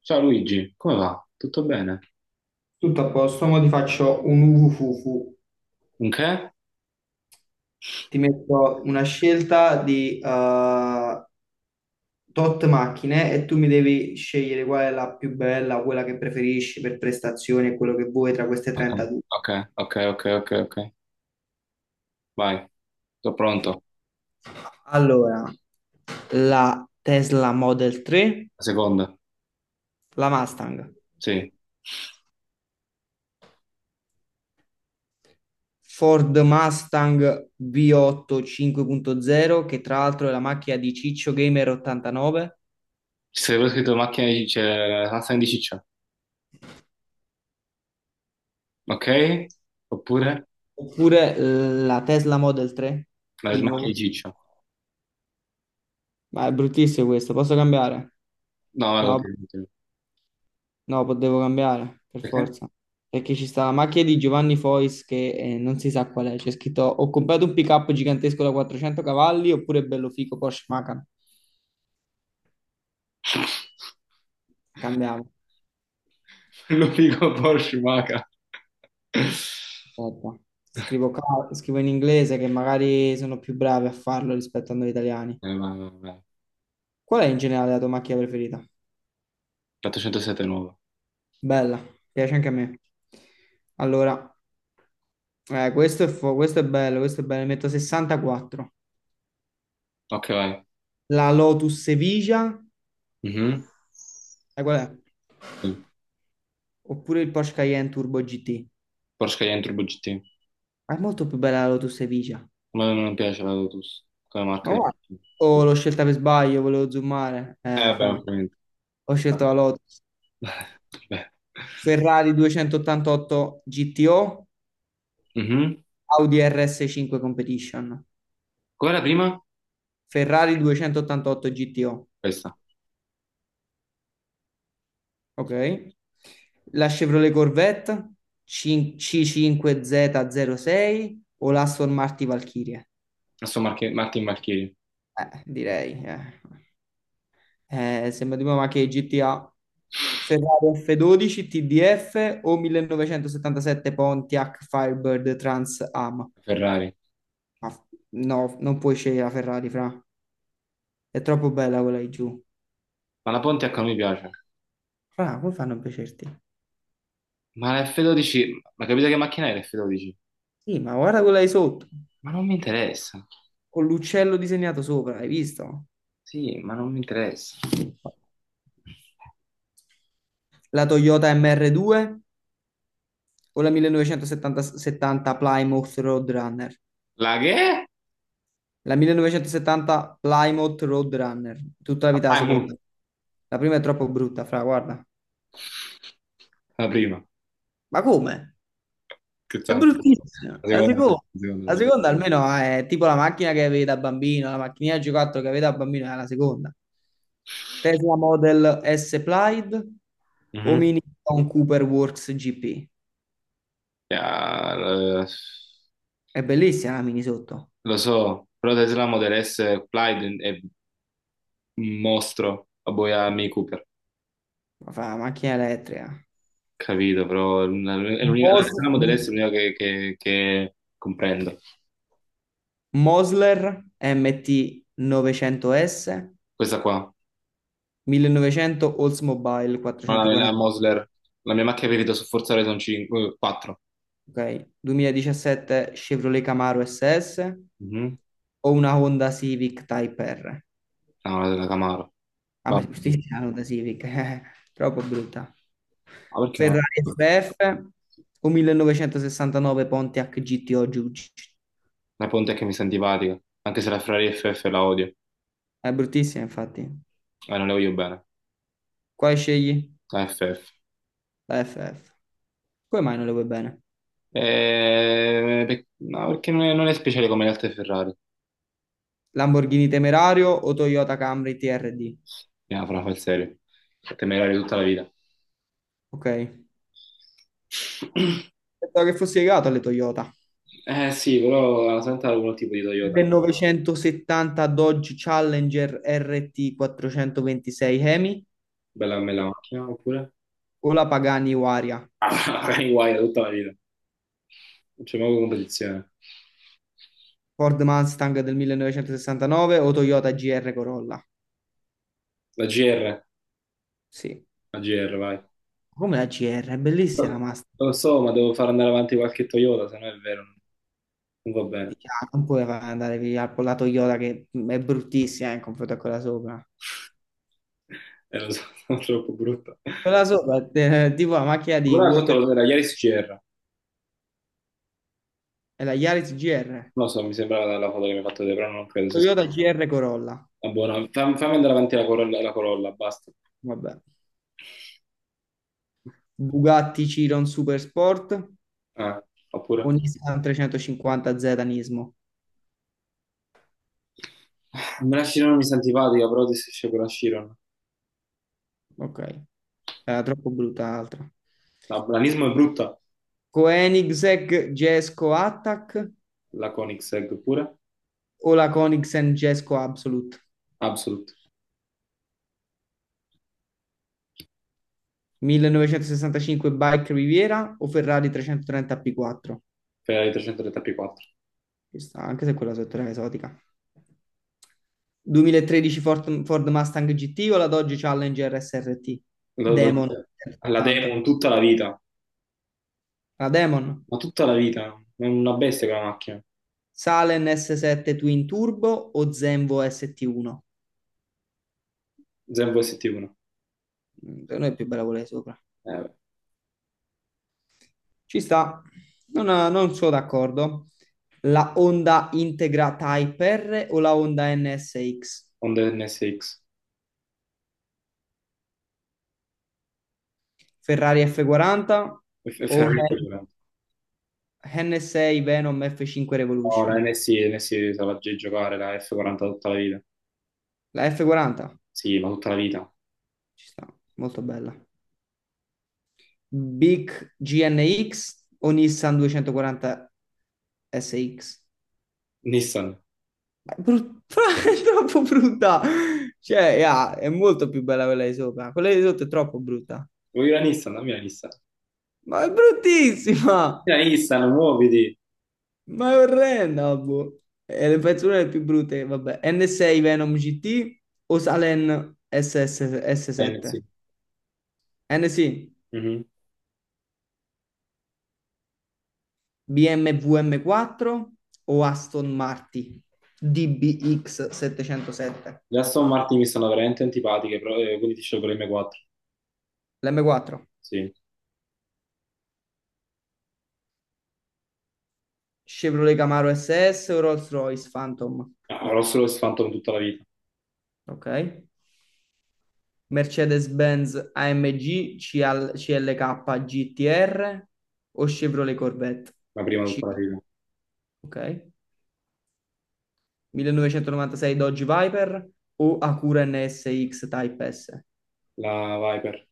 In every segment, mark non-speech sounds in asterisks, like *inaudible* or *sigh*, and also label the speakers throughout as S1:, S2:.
S1: Ciao Luigi, come va? Tutto bene?
S2: Tutto a posto, ora ti faccio un uvufufu.
S1: Un che?
S2: Ti metto una scelta di tot macchine e tu mi devi scegliere qual è la più bella, quella che preferisci per prestazioni e quello che vuoi tra queste 32.
S1: Ok, ok, ok, ok, ok. Vai, sono pronto.
S2: Allora, la Tesla Model 3,
S1: La seconda.
S2: la Mustang,
S1: Sì.
S2: Ford Mustang V8 5.0, che tra l'altro è la macchina di Ciccio Gamer 89,
S1: Ci sarebbe scritto macchina di ciccia, la macchina di ciccia. Ok? Oppure
S2: oppure la Tesla Model 3, di
S1: la macchina di
S2: nuovo.
S1: ciccia.
S2: Ma è bruttissimo questo, posso cambiare?
S1: No, vai,
S2: No,
S1: continua, continua.
S2: no, devo cambiare, per
S1: Perché?
S2: forza. Perché ci sta la macchina di Giovanni Fois che non si sa qual è. C'è scritto, ho comprato un pick-up gigantesco da 400 cavalli oppure bello fico Porsche Macan. Cambiamo.
S1: *laughs* Lo dico Porsche Maca.
S2: Aspetta. Scrivo in inglese che magari sono più bravi a farlo rispetto a noi italiani.
S1: Vai, vai, vai, vai.
S2: Qual è in generale la tua macchina preferita?
S1: 407 nuova.
S2: Bella, piace anche a me. Allora, questo è bello, ne metto 64.
S1: Ok, vai.
S2: La Lotus Sevilla,
S1: Mhm.
S2: sai qual è?
S1: Sì.
S2: Oppure il Porsche Cayenne Turbo GT.
S1: Porsche Cayenne Turbo GT.
S2: Ma è molto più bella la Lotus Sevilla.
S1: A me non piace la Lotus, come
S2: Ma
S1: marca di
S2: guarda.
S1: macchina.
S2: Oh, l'ho scelta per sbaglio, volevo zoomare.
S1: Vabbè,
S2: Fra.
S1: ovviamente.
S2: Ho scelto
S1: *laughs*
S2: la Lotus.
S1: Vabbè.
S2: Ferrari 288 GTO,
S1: Mhm.
S2: Audi RS5 Competition.
S1: Qual era la prima?
S2: Ferrari 288 GTO,
S1: Questa.
S2: ok? La Chevrolet Corvette C5Z06 o l'Aston Martin Valkyrie?
S1: Aston Martin Marchini,
S2: Direi. Sembra tipo ma che GTA. Ferrari F12 TDF o 1977 Pontiac Firebird Trans Am.
S1: Ferrari.
S2: Ma- no, non puoi scegliere la Ferrari, fra. È troppo bella quella di giù.
S1: Ma la Pontiac non mi piace.
S2: Fra, come fanno a piacerti?
S1: Ma la F12, ma capite che macchina è l'F12?
S2: Sì, ma guarda quella di sotto.
S1: Ma non mi interessa.
S2: Con l'uccello disegnato sopra, hai visto?
S1: Sì, ma non mi interessa.
S2: La Toyota MR2 o la 1970 70 Plymouth Roadrunner?
S1: La che?
S2: La 1970 Plymouth Roadrunner, tutta la vita la
S1: Ah, è
S2: seconda.
S1: mu.
S2: La prima è troppo brutta, fra, guarda.
S1: La prima.
S2: Ma come? È
S1: Scherzando.
S2: bruttissima.
S1: La seconda, la seconda, la
S2: La
S1: seconda.
S2: seconda almeno è tipo la macchina che avevi da bambino, la macchinina G4 che avevi da bambino è la seconda. Tesla Model S Plaid o
S1: Mhm.
S2: Mini con Cooper Works GP.
S1: Ja,
S2: È bellissima la mini sotto,
S1: lo so, però Tesla Model S Plaid è un mostro, a voi a Mini Cooper,
S2: ma fa la macchina elettrica.
S1: capito, però è la
S2: Mos-
S1: Tesla Model S è l'unica che comprendo.
S2: Mosler MT 900S,
S1: Questa qua.
S2: 1900 Oldsmobile
S1: No, la
S2: 440,
S1: Mosler, la mia macchina preferita su Forza Horizon 5, 4.
S2: ok. 2017 Chevrolet Camaro SS
S1: Mhm.
S2: o una Honda Civic Type R?
S1: No, la della Camaro.
S2: A
S1: Vabbè.
S2: me giustizia la Honda Civic, *laughs* troppo brutta.
S1: Ma perché no?
S2: Ferrari FF o 1969 Pontiac GTO Giugi?
S1: La Pontiac mi sta antipatica, anche se la Ferrari FF la odio,
S2: È bruttissima, infatti.
S1: non le voglio bene,
S2: Quale scegli?
S1: la FF.
S2: La FF. Come mai non le vuoi bene?
S1: No, perché non è speciale come le altre Ferrari,
S2: Lamborghini Temerario o Toyota Camry TRD?
S1: no, fra fa il serio, temerario tutta la vita.
S2: Ok.
S1: *clears throat*
S2: Pensavo che fossi legato alle Toyota.
S1: Eh sì, però la Santa ha un tipo di Toyota,
S2: 1970 Dodge Challenger RT 426 Hemi
S1: bella bella macchina, oppure?
S2: o la Pagani Huayra?
S1: *laughs* Ah, magari guai tutta la vita, non c'è mai competizione.
S2: Ford Mustang del 1969 o Toyota GR Corolla?
S1: La GR.
S2: Sì,
S1: A GR, vai.
S2: come la GR, è bellissima la Mustang.
S1: Lo so, ma devo far andare avanti qualche Toyota, se no è vero, non va bene.
S2: Ah, non puoi andare via con la Toyota che è bruttissima in confronto a quella sopra.
S1: *laughs* Lo so, *laughs* sono troppo brutto.
S2: Quella sopra è tipo la macchina di
S1: Una cosa
S2: Walter,
S1: lo era Yaris GR. Non
S2: è la Yaris GR,
S1: lo so, mi sembrava dalla foto che mi hai fatto vedere, però non credo sia scritta.
S2: Toyota GR Corolla.
S1: Buona. Fammi andare avanti la Corolla, basta.
S2: Vabbè. Bugatti Chiron Super Sport,
S1: Ah,
S2: un
S1: oppure,
S2: Nissan 350Z Nismo.
S1: ah, me la Chiron mi sta antipatica, però ti esce con la Chiron.
S2: Ok, era troppo brutta l'altra.
S1: La Blanismo è brutta,
S2: Koenigsegg Jesko Attack
S1: la Koenigsegg pure.
S2: o la Koenigsegg Jesko Absolute?
S1: Absolute,
S2: 1965 Bike Riviera o Ferrari 330 P4?
S1: Ferrari 330 P4.
S2: Questa, anche se quella sotto era esotica. 2013 Ford Mustang GT o la Dodge Challenger SRT?
S1: Lo- lo-
S2: Demon
S1: la
S2: 80.
S1: Demon tutta la vita.
S2: La Demon.
S1: Ma tutta la vita, è una bestia quella macchina,
S2: Salen S7 Twin Turbo o Zenvo ST1?
S1: Zen ST1,
S2: Per noi è più bella quella di sopra.
S1: eh,
S2: Ci sta, non, non sono d'accordo. La Honda Integra Type R o la Honda NSX?
S1: Honda NSX,
S2: Ferrari F40
S1: è
S2: o
S1: veramente violento.
S2: NSA Venom F5
S1: No,
S2: Revolution?
S1: la NSI se la giocare, la F40 tutta la vita,
S2: La F40
S1: sì, ma tutta la vita.
S2: ci sta, molto bella. Big GNX o Nissan 240 SX?
S1: Nissan,
S2: Ma è *laughs* è troppo brutta. Cioè, yeah, è molto più bella quella di sopra. Quella di sotto è troppo brutta.
S1: vuoi la Nissan? Dammi la Nissan.
S2: Ma è bruttissima!
S1: La Nissan, muoviti!
S2: Ma è orrenda, boh. È le pezzo una delle più brutte, vabbè. N6 Venom GT o Salen SS,
S1: La NSI.
S2: 7 NC,
S1: Mhm.
S2: BMWM4 o Aston Martin DBX707?
S1: Le Aston Martin mi stanno veramente antipatiche, però, quindi ti scelgo l'M4,
S2: L'M4,
S1: sì.
S2: Chevrolet Camaro SS o Rolls-Royce Phantom?
S1: No, avrò solo il Phantom tutta la vita,
S2: Ok. Mercedes-Benz AMG CLK GTR o Chevrolet Corvette?
S1: la prima
S2: C
S1: tutta la
S2: K?
S1: vita.
S2: Ok. 1996 Dodge Viper o Acura NSX Type S?
S1: La Viper,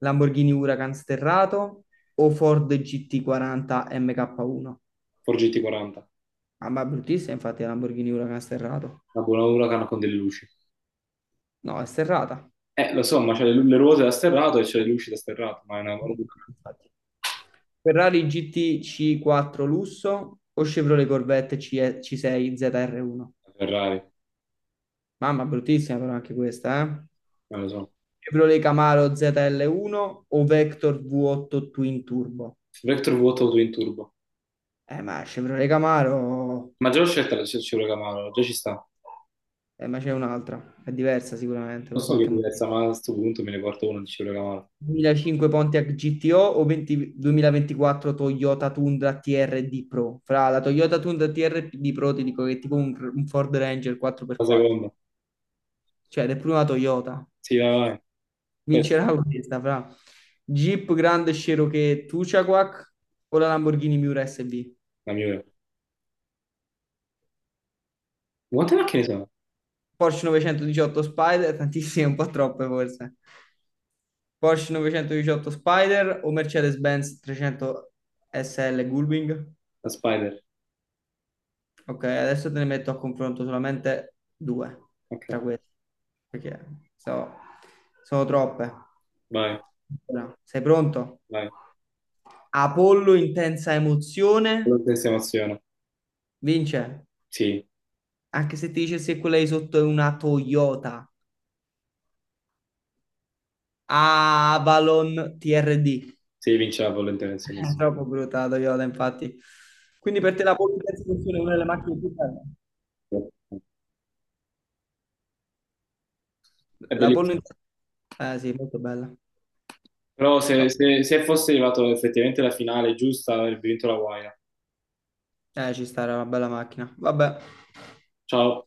S2: Lamborghini Huracan sterrato o Ford GT40 MK1?
S1: Ford GT40,
S2: Ah, ma è bruttissima infatti la Lamborghini Huracan sterrato.
S1: la buona Huracan con delle luci.
S2: No, è sterrata. Un
S1: Lo so, ma c'è le ruote da sterrato e c'è le luci da sterrato, ma è una
S2: po'
S1: bandura
S2: brutta, infatti. Ferrari GTC4 lusso o Chevrolet Corvette CE C6 ZR1?
S1: da Ferrari,
S2: Mamma, bruttissima però anche questa, eh?
S1: non lo so.
S2: Chevrolet Camaro ZL1 o Vector V8 Twin Turbo?
S1: Vector vuoto auto in turbo.
S2: Ma Chevrolet Camaro,
S1: Ma già l'ho scelta la Chevrolet Camaro, già ci sta.
S2: ma c'è un'altra, è diversa sicuramente
S1: Lo
S2: per
S1: so che è
S2: qualche
S1: diversa,
S2: motivo.
S1: ma a questo punto me ne porto uno di Chevrolet Camaro.
S2: 2005 Pontiac GTO o 20 2024 Toyota Tundra TRD Pro. Fra, la Toyota Tundra TRD Pro ti dico che è tipo un, Ford Ranger
S1: La
S2: 4x4,
S1: seconda.
S2: cioè, ed è prima Toyota.
S1: Sì, vai, vai. Questa,
S2: Vincerà questa, fra. Jeep Grand Cherokee Tuchaquac o la Lamborghini Miura SB?
S1: la migliore. Quante macchine sono?
S2: Porsche 918 Spider, tantissime, un po' troppe forse. Porsche 918 Spider o Mercedes-Benz 300 SL Gullwing?
S1: La Spider.
S2: Ok, adesso te ne metto a confronto solamente due
S1: Ok,
S2: tra queste, perché so- sono troppe.
S1: vai,
S2: Allora, sei pronto?
S1: vai.
S2: Apollo, intensa emozione,
S1: Volontaria emoziona.
S2: vince.
S1: Sì,
S2: Anche se ti dicessi che quella di sotto è una Toyota Avalon TRD.
S1: sì, vince la volontaria emoziona.
S2: È troppo brutta la Toyota, infatti. Quindi per te la Polo in terza posizione è una delle macchine più belle?
S1: È
S2: La Polo
S1: bellissimo.
S2: in terza... eh sì, molto bella.
S1: Però
S2: Oh,
S1: se fosse arrivato effettivamente alla finale giusta, avrebbe vinto la guaina.
S2: Ci sta, era una bella macchina. Vabbè.
S1: Ciao.